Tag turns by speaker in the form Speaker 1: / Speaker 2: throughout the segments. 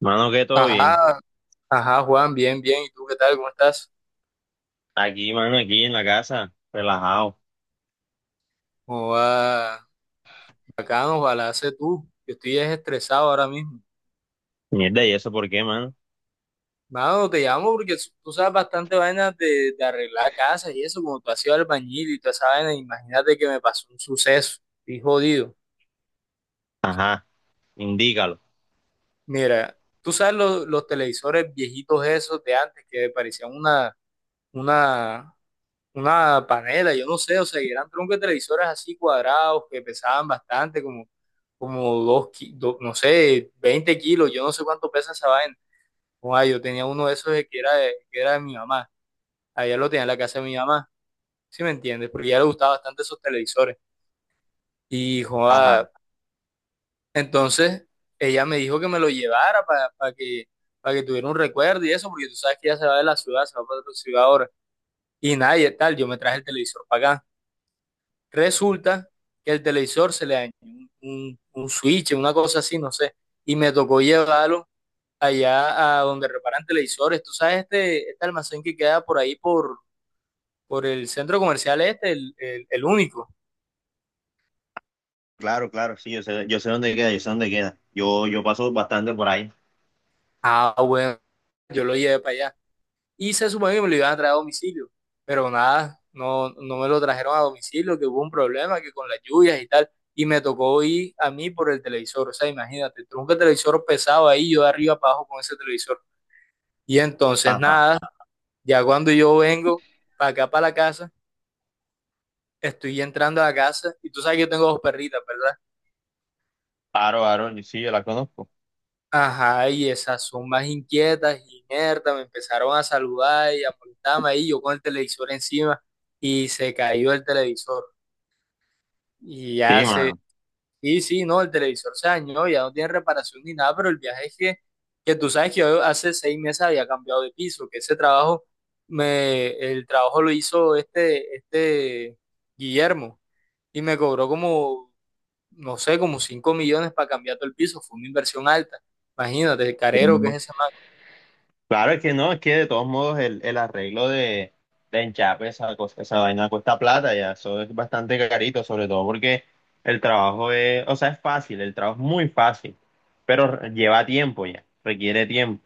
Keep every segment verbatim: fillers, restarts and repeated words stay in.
Speaker 1: Mano, que todo bien.
Speaker 2: Ajá, ajá, Juan, bien, bien. ¿Y tú qué tal? ¿Cómo estás?
Speaker 1: Aquí, mano, aquí en la casa, relajado.
Speaker 2: ¿Cómo va? Bacano, ojalá sé tú. Yo estoy es estresado ahora mismo.
Speaker 1: Mierda, ¿y eso por qué, mano?
Speaker 2: Mano, te llamo porque s- tú sabes bastante vainas de, de arreglar casas y eso, como tú has sido albañil y toda esa vaina, imagínate que me pasó un suceso. Estoy jodido.
Speaker 1: Ajá, indícalo.
Speaker 2: Mira, tú sabes los, los televisores viejitos esos de antes que parecían una, una, una panela, yo no sé, o sea, que eran troncos de televisores así cuadrados que pesaban bastante, como dos, ki- do- no sé, veinte kilos, yo no sé cuánto pesa esa vaina. Oa, yo tenía uno de esos de que era de, que era de mi mamá. Allá lo tenía en la casa de mi mamá, ¿sí me entiendes? Porque a ella le gustaban bastante esos televisores. Y
Speaker 1: Ajá,
Speaker 2: joa, entonces ella me dijo que me lo llevara para que, para que tuviera un recuerdo y eso, porque tú sabes que ella se va de la ciudad, se va para otra ciudad ahora. Y nada, y tal, yo me traje el televisor para acá. Resulta que el televisor se le dañó un, un un switch, una cosa así, no sé. Y me tocó llevarlo allá a donde reparan televisores. Tú sabes este, este almacén que queda por ahí por, por el centro comercial este, el, el- el único.
Speaker 1: claro, claro, sí, yo sé, yo sé dónde queda, yo sé dónde queda. Yo, yo paso bastante por ahí.
Speaker 2: Ah, bueno, yo lo llevé para allá. Y se supone que me lo iban a traer a domicilio. Pero nada, no, no me lo trajeron a domicilio, que hubo un problema, que con las lluvias y tal. Y me tocó ir a mí por el televisor. O sea, imagínate, tronco el televisor pesado ahí, yo de arriba para abajo con ese televisor. Y entonces
Speaker 1: Ajá.
Speaker 2: nada, ya cuando yo vengo para acá, para la casa, estoy entrando a la casa y tú sabes que yo tengo dos perritas, ¿verdad?
Speaker 1: Aro, Aro, sí, yo la conozco.
Speaker 2: Ajá, y esas son más inquietas y inertas, me empezaron a saludar y a molestarme ahí, yo con el televisor encima y se cayó el televisor. Y
Speaker 1: Sí,
Speaker 2: ya se,
Speaker 1: mano.
Speaker 2: sí, sí, no, el televisor se dañó, ya no tiene reparación ni nada, pero el viaje es que, que tú sabes que yo hace seis meses había cambiado de piso, que ese trabajo, me, el trabajo lo hizo este, este Guillermo y me cobró como, no sé, como cinco millones para cambiar todo el piso, fue una inversión alta. Imagínate, el carero que es ese.
Speaker 1: Claro, es que no, es que de todos modos el, el arreglo de, de enchape, esa cosa, esa vaina cuesta plata ya, eso es bastante carito, sobre todo porque el trabajo es, o sea, es fácil, el trabajo es muy fácil, pero lleva tiempo ya, requiere tiempo.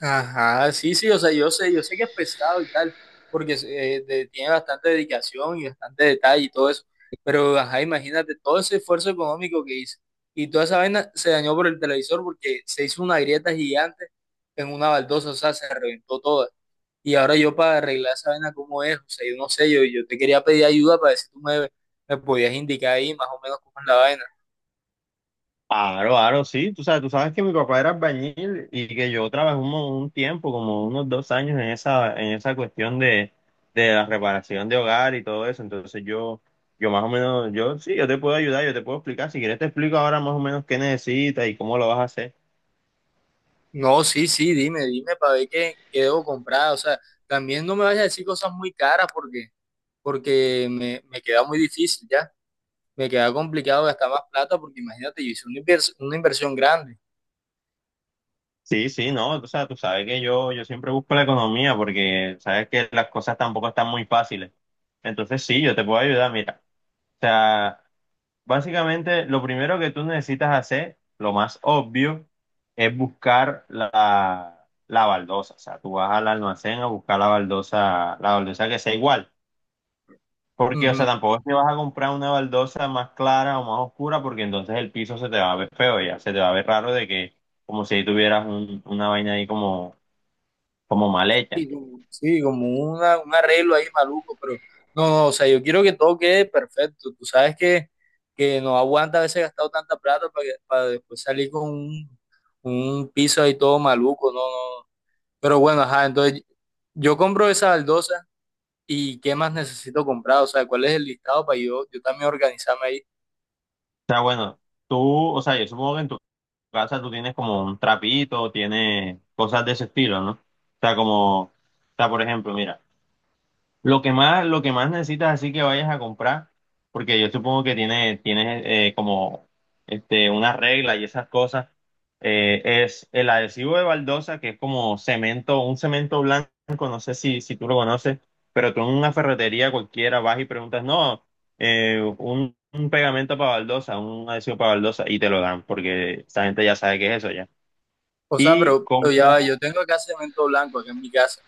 Speaker 2: Ajá, sí, sí, o sea, yo sé, yo sé que es pesado y tal, porque eh, de- tiene bastante dedicación y bastante detalle y todo eso, pero ajá, imagínate todo ese esfuerzo económico que hizo y toda esa vaina se dañó por el televisor porque se hizo una grieta gigante en una baldosa, o sea, se reventó toda. Y ahora yo para arreglar esa vaina, ¿cómo es? O sea, yo no sé, yo, yo te quería pedir ayuda para ver si tú me, me podías indicar ahí más o menos cómo es la vaina.
Speaker 1: Aro, aro, sí, tú sabes, tú sabes que mi papá era albañil y que yo trabajé un, mo- un tiempo, como unos dos años en esa, en esa cuestión de, de la reparación de hogar y todo eso, entonces yo, yo más o menos, yo sí, yo te puedo ayudar, yo te puedo explicar, si quieres te explico ahora más o menos qué necesitas y cómo lo vas a hacer.
Speaker 2: No, sí, sí, dime, dime para ver qué, qué debo comprar. O sea, también no me vayas a decir cosas muy caras porque, porque me, me queda muy difícil ya. Me queda complicado gastar más plata porque imagínate, yo hice una, invers- una inversión grande.
Speaker 1: Sí, sí, no, o sea, tú sabes que yo, yo siempre busco la economía porque sabes que las cosas tampoco están muy fáciles, entonces sí, yo te puedo ayudar, mira, o sea... Básicamente, lo primero que tú necesitas hacer, lo más obvio, es buscar la, la baldosa. O sea, tú vas al almacén a buscar la baldosa, la baldosa que sea igual. Porque, o sea,
Speaker 2: Ujú.
Speaker 1: tampoco es que vas a comprar una baldosa más clara o más oscura, porque entonces el piso se te va a ver feo, ya se te va a ver raro de que, como si ahí tuvieras un- una vaina ahí como, como mal hecha.
Speaker 2: Sí como- sí, como una, un arreglo ahí maluco, pero no, no, o sea, yo quiero que todo quede perfecto. Tú sabes que, que no aguanta a veces gastado tanta plata para, para después salir con un, un piso ahí todo maluco, no, no, no. Pero bueno, ajá, entonces yo compro esa baldosa y qué más necesito comprar, o sea, cuál es el listado para yo, yo también organizarme ahí.
Speaker 1: O sea, bueno, tú, o sea, yo supongo que en tu casa tú tienes como un trapito, tienes cosas de ese estilo, ¿no? O sea, como, o sea, por ejemplo, mira. Lo que más, lo que más necesitas así que vayas a comprar, porque yo supongo que tiene, tienes eh, como este, una regla y esas cosas, eh, es el adhesivo de baldosa, que es como cemento, un cemento blanco, no sé si, si tú lo conoces, pero tú en una ferretería cualquiera vas y preguntas, no, eh, un, un pegamento para baldosa, un adhesivo para baldosa, y te lo dan, porque esa gente ya sabe qué es eso ya.
Speaker 2: O sea,
Speaker 1: Y
Speaker 2: pero, pero ya
Speaker 1: compra.
Speaker 2: va, yo tengo acá cemento blanco acá en mi casa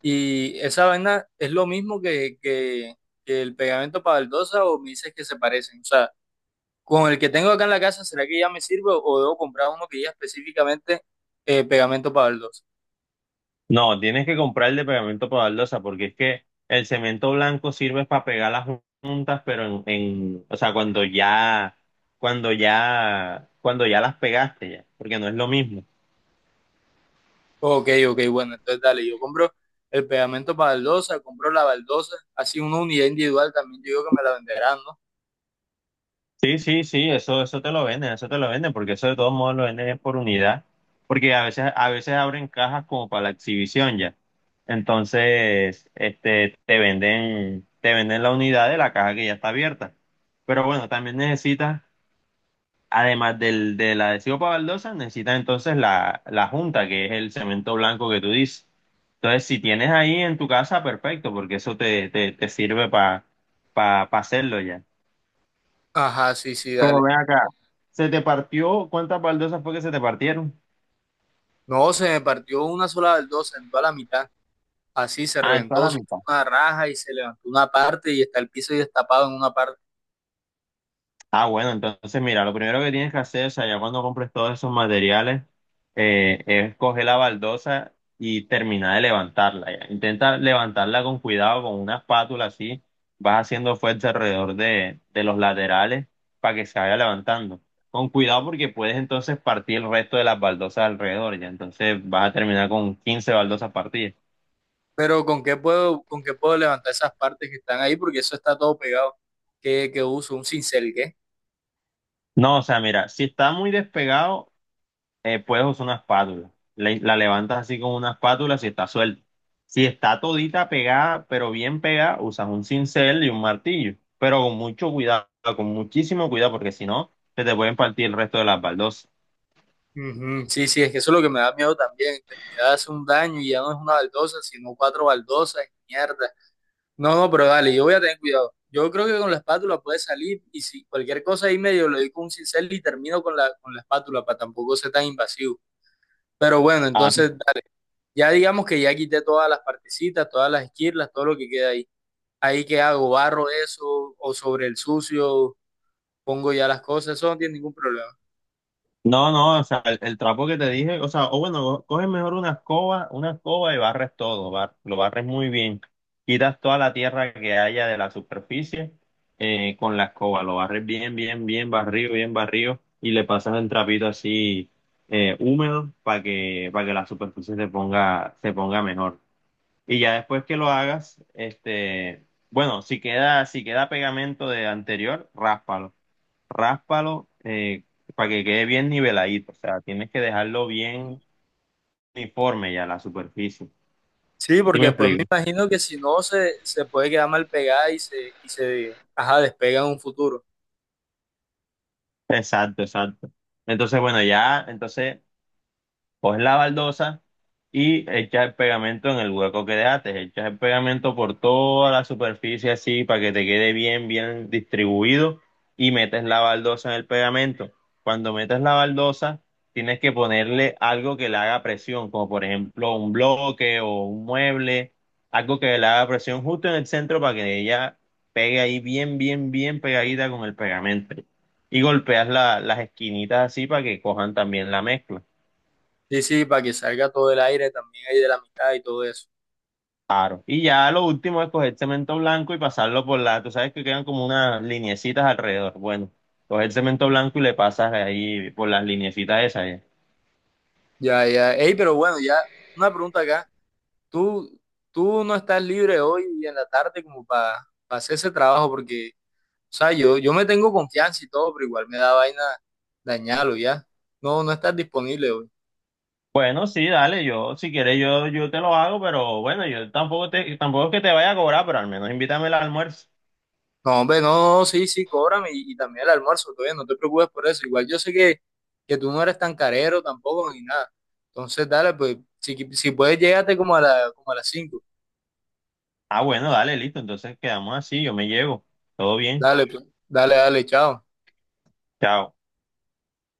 Speaker 2: y esa vaina es lo mismo que, que, que el pegamento para baldosa o me dices que se parecen. O sea, con el que tengo acá en la casa, ¿será que ya me sirve o debo comprar uno que ya específicamente eh, pegamento para baldosa?
Speaker 1: No, tienes que comprar el de pegamento para baldosa, porque es que el cemento blanco sirve para pegar las jun- juntas, pero en, en, o sea, cuando ya, cuando ya, cuando ya las pegaste ya, porque no es lo mismo.
Speaker 2: Ok, ok, bueno, entonces dale, yo compro el pegamento para baldosa, compro la baldosa, así una unidad individual también, yo digo que me la venderán, ¿no?
Speaker 1: Sí, sí, sí, eso, eso te lo venden, eso te lo venden, porque eso de todos modos lo venden es por unidad, porque a veces, a veces abren cajas como para la exhibición ya. Entonces, este, te venden, te venden la unidad de la caja que ya está abierta. Pero bueno, también necesitas. Además del, del adhesivo para baldosas, necesitas entonces la, la junta, que es el cemento blanco que tú dices. Entonces, si tienes ahí en tu casa, perfecto, porque eso te, te, te sirve para pa, pa- pa hacerlo ya.
Speaker 2: Ajá, sí, sí,
Speaker 1: Pero
Speaker 2: dale.
Speaker 1: ven acá. ¿Se te partió? ¿Cuántas baldosas fue que se te partieron?
Speaker 2: No, se me partió una sola del dos, se entró a la mitad. Así se
Speaker 1: Ah, en toda la
Speaker 2: reventó, se hizo
Speaker 1: mitad.
Speaker 2: una raja y se levantó una parte y está el piso destapado en una parte.
Speaker 1: Ah, bueno, entonces mira, lo primero que tienes que hacer, o sea, ya cuando compres todos esos materiales, eh, es coger la baldosa y terminar de levantarla, ya. Intenta levantarla con cuidado, con una espátula así, vas haciendo fuerza alrededor de, de los laterales para que se vaya levantando. Con cuidado porque puedes entonces partir el resto de las baldosas alrededor, ya. Entonces vas a terminar con quince baldosas partidas.
Speaker 2: Pero ¿con qué puedo, ¿con qué puedo levantar esas partes que están ahí? Porque eso está todo pegado. ¿Qué, qué uso? ¿Un cincel, qué?
Speaker 1: No, o sea, mira, si está muy despegado, eh, puedes usar una espátula. Le- la levantas así con una espátula si está suelta. Si está todita pegada, pero bien pegada, usas un cincel y un martillo. Pero con mucho cuidado, con muchísimo cuidado, porque si no, se te pueden partir el resto de las baldosas.
Speaker 2: Ujú, sí, sí, es que eso es lo que me da miedo también. Terminar de hacer un daño y ya no es una baldosa, sino cuatro baldosas y mierda. No, no, pero dale, yo voy a tener cuidado. Yo creo que con la espátula puede salir y si cualquier cosa ahí medio lo doy con un cincel y termino con la, con la espátula para tampoco ser tan invasivo. Pero bueno, entonces dale. Ya digamos que ya quité todas las partecitas, todas las esquirlas, todo lo que queda ahí. Ahí que hago, barro eso, o sobre el sucio, pongo ya las cosas, eso no tiene ningún problema.
Speaker 1: No, no, o sea, el, el trapo que te dije, o sea, o bueno, co- coges mejor una escoba, una escoba y barres todo, bar- lo barres muy bien. Quitas toda la tierra que haya de la superficie, eh, con la escoba, lo barres bien, bien, bien barrido, bien barrido y le pasas el trapito así, eh, húmedo para que, para que la superficie se ponga, se ponga mejor. Y ya después que lo hagas, este, bueno, si queda, si queda pegamento de anterior, ráspalo, ráspalo eh, para que quede bien niveladito, o sea, tienes que dejarlo
Speaker 2: Mm.
Speaker 1: bien uniforme ya la superficie.
Speaker 2: Sí,
Speaker 1: ¿Sí me
Speaker 2: porque pues me
Speaker 1: explico?
Speaker 2: imagino que si no se, se puede quedar mal pegada y se, y se ajá, despega en un futuro.
Speaker 1: Exacto, exacto. Entonces, bueno, ya, entonces coges la baldosa y echas el pegamento en el hueco que dejaste, echas el pegamento por toda la superficie así para que te quede bien, bien distribuido y metes la baldosa en el pegamento. Cuando metes la baldosa, tienes que ponerle algo que le haga presión, como por ejemplo un bloque o un mueble, algo que le haga presión justo en el centro para que ella pegue ahí bien, bien, bien pegadita con el pegamento. Y golpeas la- las esquinitas así para que cojan también la mezcla.
Speaker 2: Sí, sí, para que salga todo el aire también ahí de la mitad y todo eso.
Speaker 1: Claro. Y ya lo último es coger cemento blanco y pasarlo por la, tú sabes que quedan como unas lineecitas alrededor. Bueno, coger cemento blanco y le pasas ahí por las lineecitas esas, ya.
Speaker 2: Ya, ya. Ey, pero bueno, ya una pregunta acá. ¿Tú, ¿Tú no estás libre hoy en la tarde como para hacer ese trabajo? Porque o sea, yo, yo me tengo confianza y todo, pero igual me da vaina dañarlo ya. No, no estás disponible hoy.
Speaker 1: Bueno, sí, dale, yo, si quieres, yo, yo te lo hago, pero bueno, yo tampoco te, tampoco es que te vaya a cobrar, pero al menos invítame al almuerzo.
Speaker 2: No, hombre, no, no, sí, sí, cóbrame y, y también el almuerzo, todavía no te preocupes por eso. Igual yo sé que, que tú no eres tan carero tampoco ni nada. Entonces, dale, pues, si, si puedes, llégate como a la, como a las cinco.
Speaker 1: Ah, bueno, dale, listo, entonces quedamos así, yo me llevo. Todo bien.
Speaker 2: Dale, pues, dale, dale, chao.
Speaker 1: Chao.